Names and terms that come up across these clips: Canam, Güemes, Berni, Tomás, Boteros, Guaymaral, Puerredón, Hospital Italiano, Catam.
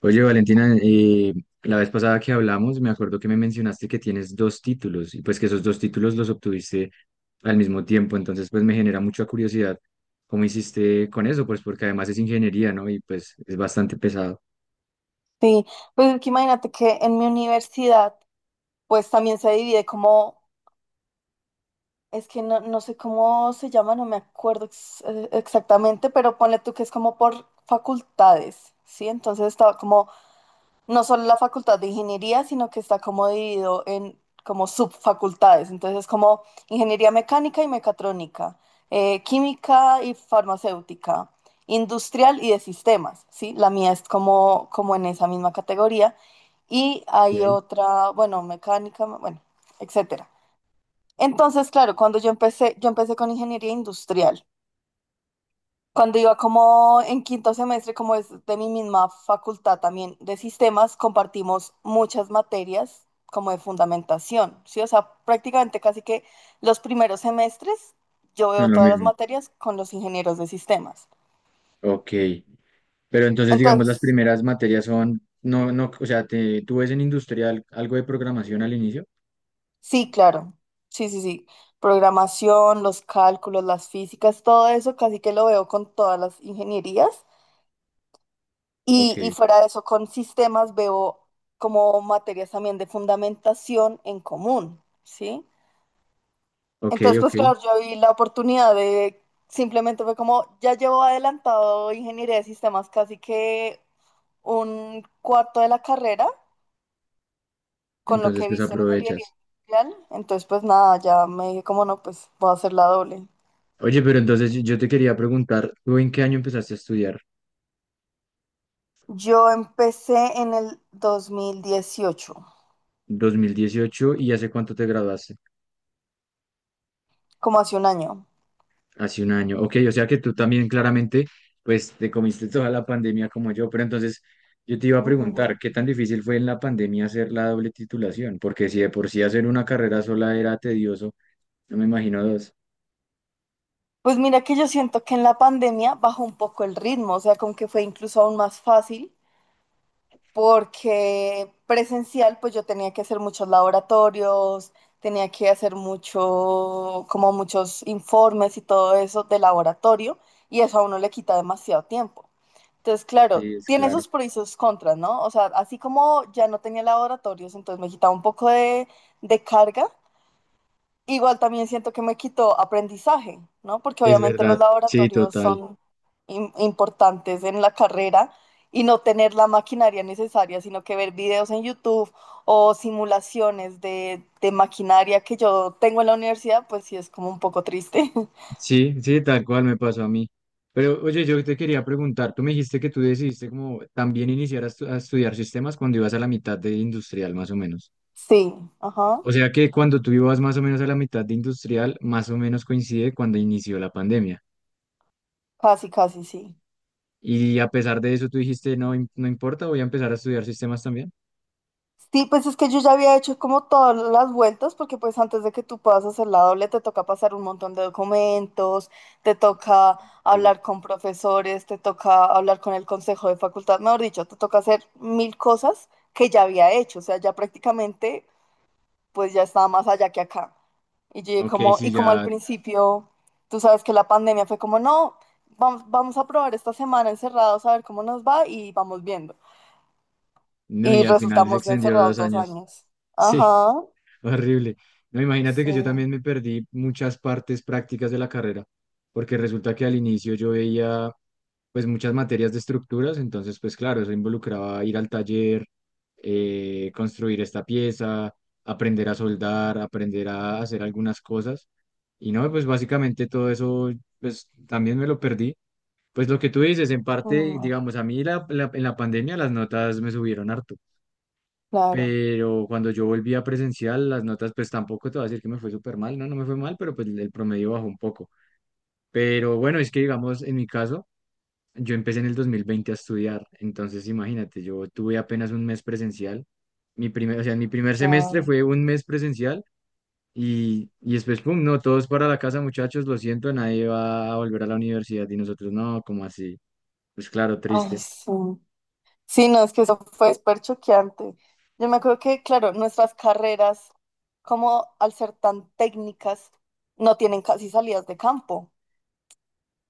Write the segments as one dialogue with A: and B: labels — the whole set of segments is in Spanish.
A: Oye, Valentina, la vez pasada que hablamos, me acuerdo que me mencionaste que tienes dos títulos y pues que esos dos títulos los obtuviste al mismo tiempo, entonces pues me genera mucha curiosidad cómo hiciste con eso, pues porque además es ingeniería, ¿no? Y pues es bastante pesado.
B: Sí, pues es que imagínate que en mi universidad, pues también se divide como, es que no, no sé cómo se llama, no me acuerdo exactamente, pero ponle tú que es como por facultades, ¿sí? Entonces estaba como no solo la facultad de ingeniería, sino que está como dividido en como subfacultades. Entonces como ingeniería mecánica y mecatrónica, química y farmacéutica, industrial y de sistemas, ¿sí? La mía es como, como en esa misma categoría. Y hay
A: Sí.
B: otra, bueno, mecánica, bueno, etcétera. Entonces, claro, cuando yo empecé con ingeniería industrial. Cuando iba como en quinto semestre, como es de mi misma facultad también de sistemas, compartimos muchas materias como de fundamentación, ¿sí? O sea, prácticamente casi que los primeros semestres yo
A: Son
B: veo
A: lo
B: todas las
A: mismo.
B: materias con los ingenieros de sistemas.
A: Ok, pero entonces digamos las
B: Entonces,
A: primeras materias son, no, no, o sea, ¿tú ves en industrial algo de programación al inicio?
B: sí, claro, sí, sí, sí. Programación, los cálculos, las físicas, todo eso casi que lo veo con todas las ingenierías.
A: Ok,
B: Y fuera de eso, con sistemas veo como materias también de fundamentación en común, ¿sí?
A: ok,
B: Entonces,
A: ok,
B: pues claro, yo vi la oportunidad de, simplemente fue como, ya llevo adelantado ingeniería de sistemas casi que un cuarto de la carrera con lo
A: entonces
B: que he
A: pues
B: visto en ingeniería
A: aprovechas.
B: industrial. Entonces, pues nada, ya me dije como no, pues voy a hacer la doble.
A: Oye, pero entonces yo te quería preguntar, ¿tú en qué año empezaste a estudiar?
B: Yo empecé en el 2018
A: 2018 y ¿hace cuánto te graduaste?
B: como hace un año.
A: Hace un año. Ok, o sea que tú también claramente, pues te comiste toda la pandemia como yo, pero entonces yo te iba a preguntar,
B: Ujú.
A: ¿qué tan difícil fue en la pandemia hacer la doble titulación? Porque si de por sí hacer una carrera sola era tedioso, no me imagino dos.
B: Pues mira que yo siento que en la pandemia bajó un poco el ritmo, o sea, como que fue incluso aún más fácil, porque presencial, pues yo tenía que hacer muchos laboratorios, tenía que hacer mucho, como muchos informes y todo eso de laboratorio, y eso a uno le quita demasiado tiempo. Entonces, claro,
A: Sí, es
B: tiene
A: claro.
B: sus pros y sus contras, ¿no? O sea, así como ya no tenía laboratorios, entonces me quitaba un poco de carga. Igual también siento que me quitó aprendizaje, ¿no? Porque
A: Es
B: obviamente
A: verdad,
B: los
A: sí,
B: laboratorios
A: total.
B: son importantes en la carrera y no tener la maquinaria necesaria, sino que ver videos en YouTube o simulaciones de maquinaria que yo tengo en la universidad, pues sí es como un poco triste.
A: Sí, sí, tal cual me pasó a mí. Pero oye, yo te quería preguntar, tú me dijiste que tú decidiste como también iniciar a, a estudiar sistemas cuando ibas a la mitad de industrial, más o menos.
B: Sí, ajá,
A: O sea que cuando tú ibas más o menos a la mitad de industrial, más o menos coincide cuando inició la pandemia.
B: casi, casi, sí.
A: Y a pesar de eso, tú dijiste, no, no importa, voy a empezar a estudiar sistemas también.
B: Sí, pues es que yo ya había hecho como todas las vueltas, porque pues antes de que tú puedas hacer la doble te toca pasar un montón de documentos, te toca
A: Ok,
B: hablar con profesores, te toca hablar con el consejo de facultad, mejor dicho, te toca hacer mil cosas que ya había hecho, o sea, ya prácticamente pues ya estaba más allá que acá. Y yo
A: ok,
B: como,
A: sí,
B: y como al
A: ya,
B: principio, tú sabes que la pandemia fue como, no, vamos a probar esta semana encerrados a ver cómo nos va y vamos viendo.
A: no,
B: Y
A: y al final se
B: resultamos
A: extendió
B: encerrados
A: dos
B: dos
A: años.
B: años.
A: Sí,
B: Ajá.
A: horrible. No, imagínate que
B: Sí,
A: yo también me perdí muchas partes prácticas de la carrera, porque resulta que al inicio yo veía pues muchas materias de estructuras, entonces pues claro, eso involucraba ir al taller, construir esta pieza, aprender a soldar, aprender a hacer algunas cosas. Y no, pues básicamente todo eso, pues también me lo perdí. Pues lo que tú dices, en parte,
B: mm,
A: digamos, a mí en la pandemia las notas me subieron harto,
B: claro,
A: pero cuando yo volví a presencial, las notas, pues tampoco te voy a decir que me fue súper mal, no, no me fue mal, pero pues el promedio bajó un poco. Pero bueno, es que digamos, en mi caso, yo empecé en el 2020 a estudiar, entonces imagínate, yo tuve apenas un mes presencial. O sea, mi primer semestre
B: claro.
A: fue un mes presencial y después, pum, no, todos para la casa, muchachos, lo siento, nadie va a volver a la universidad y nosotros no, como así? Pues claro,
B: Ay,
A: triste.
B: sí. Sí, no, es que eso fue súper choqueante. Yo me acuerdo que, claro, nuestras carreras, como al ser tan técnicas, no tienen casi salidas de campo,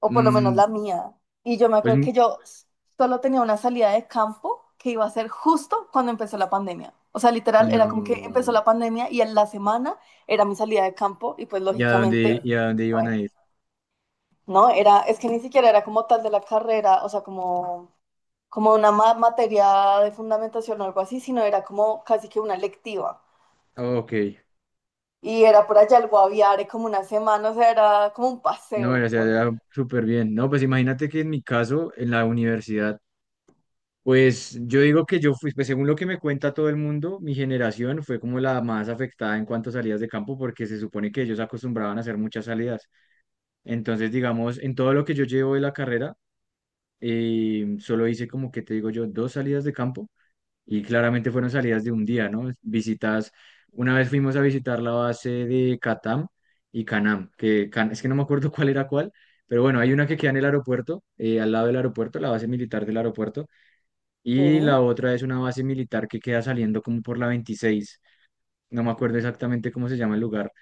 B: o por lo menos
A: Mm,
B: la mía. Y yo me
A: pues
B: acuerdo que solo tenía una salida de campo que iba a ser justo cuando empezó la pandemia. O sea, literal, era como que empezó
A: no,
B: la pandemia y en la semana era mi salida de campo y pues lógicamente...
A: y a dónde iban a ir?
B: No, era, es que ni siquiera era como tal de la carrera, o sea, como, como una materia de fundamentación o algo así, sino era como casi que una electiva.
A: Ok,
B: Y era por allá el Guaviare como una semana, o sea, era como un
A: no, o
B: paseo
A: sea, era
B: por...
A: súper bien. No, pues imagínate que en mi caso, en la universidad, pues yo digo que yo fui, pues según lo que me cuenta todo el mundo, mi generación fue como la más afectada en cuanto a salidas de campo porque se supone que ellos acostumbraban a hacer muchas salidas. Entonces, digamos, en todo lo que yo llevo de la carrera, solo hice como que te digo yo, dos salidas de campo y claramente fueron salidas de un día, ¿no? Visitas, una vez fuimos a visitar la base de Catam y Canam, que es que no me acuerdo cuál era cuál, pero bueno, hay una que queda en el aeropuerto, al lado del aeropuerto, la base militar del aeropuerto. Y
B: Sí.
A: la otra es una base militar que queda saliendo como por la 26. No me acuerdo exactamente cómo se llama el lugar,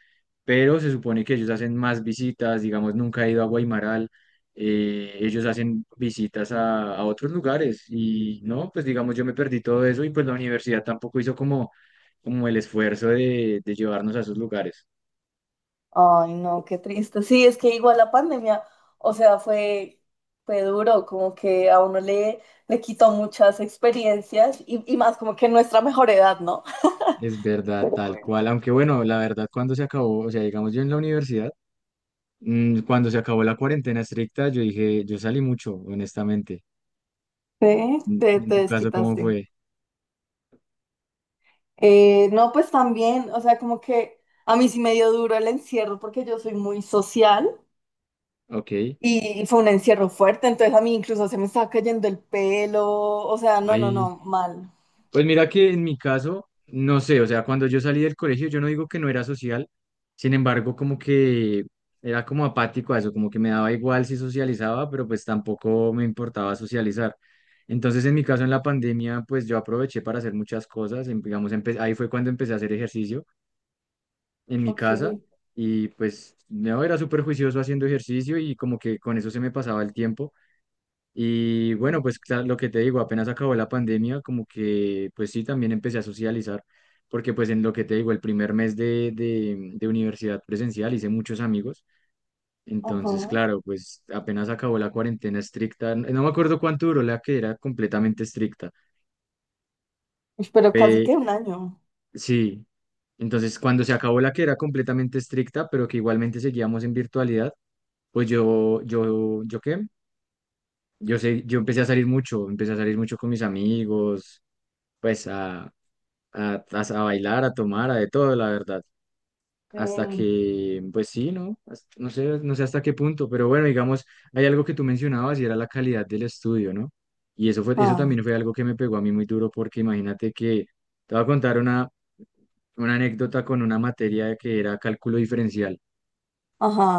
A: pero se supone que ellos hacen más visitas, digamos, nunca he ido a Guaymaral, ellos hacen visitas a otros lugares y no, pues digamos, yo me perdí todo eso y pues la universidad tampoco hizo como, como el esfuerzo de llevarnos a esos lugares.
B: Ay, no, qué triste. Sí, es que igual la pandemia, o sea, fue, fue duro, como que a uno le, le quitó muchas experiencias y más como que nuestra mejor edad, ¿no?
A: Es verdad,
B: Pero
A: tal
B: bueno.
A: cual. Aunque bueno, la verdad, cuando se acabó, o sea, digamos yo en la universidad, cuando se acabó la cuarentena estricta, yo dije, yo salí mucho, honestamente.
B: Sí,
A: En
B: te,
A: en
B: te
A: tu caso, ¿cómo
B: desquitaste.
A: fue?
B: No, pues también, o sea, como que a mí sí me dio duro el encierro porque yo soy muy social
A: Ok.
B: y fue un encierro fuerte, entonces a mí incluso se me estaba cayendo el pelo, o sea, no, no,
A: Ahí.
B: no, mal.
A: Pues mira que en mi caso, no sé, o sea, cuando yo salí del colegio, yo no digo que no era social, sin embargo, como que era como apático a eso, como que me daba igual si socializaba, pero pues tampoco me importaba socializar. Entonces, en mi caso, en la pandemia, pues yo aproveché para hacer muchas cosas, digamos, ahí fue cuando empecé a hacer ejercicio en mi
B: Ok.
A: casa y pues no era súper juicioso haciendo ejercicio y como que con eso se me pasaba el tiempo. Y bueno, pues lo que te digo, apenas acabó la pandemia, como que pues sí, también empecé a socializar, porque pues en lo que te digo, el primer mes de universidad presencial hice muchos amigos, entonces
B: Ajá.
A: claro, pues apenas acabó la cuarentena estricta, no me acuerdo cuánto duró la que era completamente estricta,
B: Uy, pero casi
A: pe-
B: que un año.
A: sí, entonces cuando se acabó la que era completamente estricta, pero que igualmente seguíamos en virtualidad, pues ¿yo qué? Yo sé, yo empecé a salir mucho, empecé a salir mucho con mis amigos pues a bailar, a tomar, a de todo, la verdad.
B: Sí.
A: Hasta que, pues sí, ¿no? No sé, no sé hasta qué punto, pero bueno, digamos, hay algo que tú mencionabas y era la calidad del estudio, ¿no? Y eso fue, eso
B: Ah,
A: también fue algo que me pegó a mí muy duro porque imagínate que te voy a contar una anécdota con una materia que era cálculo diferencial,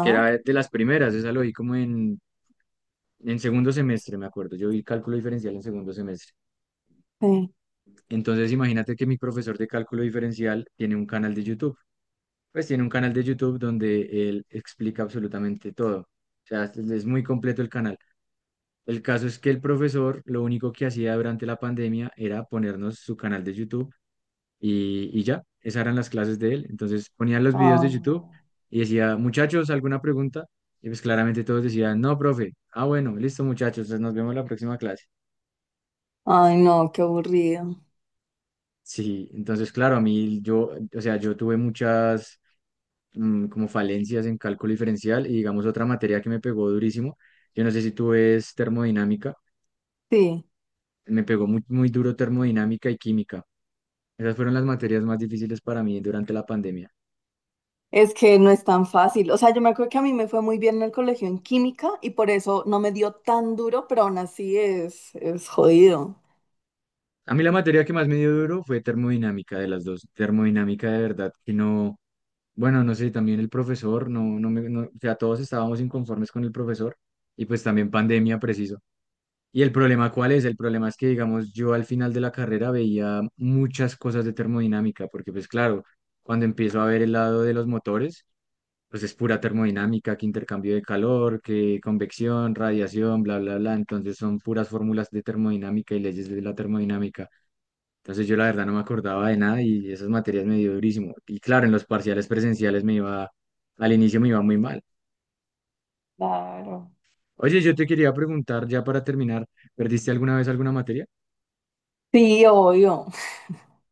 A: que era de las primeras, esa lo vi como en, segundo semestre, me acuerdo. Yo vi cálculo diferencial en segundo semestre.
B: Sí.
A: Entonces, imagínate que mi profesor de cálculo diferencial tiene un canal de YouTube. Pues tiene un canal de YouTube donde él explica absolutamente todo. O sea, es muy completo el canal. El caso es que el profesor lo único que hacía durante la pandemia era ponernos su canal de YouTube y ya, esas eran las clases de él. Entonces ponían los videos de
B: Ay,
A: YouTube
B: no.
A: y decía, muchachos, ¿alguna pregunta? Y pues claramente todos decían, no, profe. Ah, bueno, listo, muchachos, entonces nos vemos en la próxima clase.
B: Ay, no, qué aburrido.
A: Sí, entonces claro, a mí yo, o sea, yo tuve muchas como falencias en cálculo diferencial y digamos otra materia que me pegó durísimo. Yo no sé si tú ves termodinámica,
B: Sí.
A: me pegó muy, muy duro termodinámica y química. Esas fueron las materias más difíciles para mí durante la pandemia.
B: Es que no es tan fácil. O sea, yo me acuerdo que a mí me fue muy bien en el colegio en química y por eso no me dio tan duro, pero aún así es jodido.
A: A mí la materia que más me dio duro fue termodinámica de las dos. Termodinámica de verdad que no, bueno, no sé, también el profesor, no, no me, no, o sea, todos estábamos inconformes con el profesor y pues también pandemia preciso. Y el problema, ¿cuál es? El problema es que, digamos, yo al final de la carrera veía muchas cosas de termodinámica, porque pues claro, cuando empiezo a ver el lado de los motores, pues es pura termodinámica, que intercambio de calor, que convección, radiación, bla, bla, bla. Entonces son puras fórmulas de termodinámica y leyes de la termodinámica. Entonces yo la verdad no me acordaba de nada y esas materias me dio durísimo. Y claro, en los parciales presenciales me iba, al inicio me iba muy mal.
B: Claro.
A: Oye, yo te quería preguntar ya para terminar, ¿perdiste alguna vez alguna materia?
B: Sí, obvio.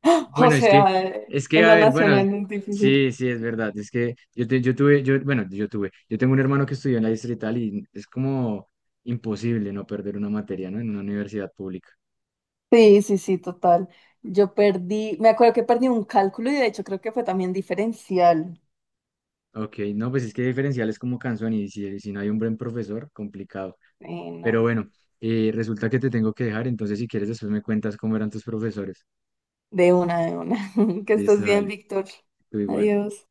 B: O
A: Bueno,
B: sea,
A: es que,
B: en
A: a
B: la
A: ver, bueno,
B: nacional es difícil.
A: sí, sí, es verdad. Es que yo, bueno, yo tengo un hermano que estudió en la distrital y es como imposible no perder una materia, ¿no? En una universidad pública.
B: Sí, sí, sí, total. Yo perdí, me acuerdo que perdí un cálculo y de hecho creo que fue también diferencial.
A: Ok, no, pues es que diferencial es como canción y si no hay un buen profesor, complicado.
B: Sí,
A: Pero
B: no.
A: bueno, resulta que te tengo que dejar, entonces si quieres después me cuentas cómo eran tus profesores.
B: De una, de una. Que estés
A: Listo,
B: bien,
A: dale,
B: Víctor.
A: tú igual.
B: Adiós.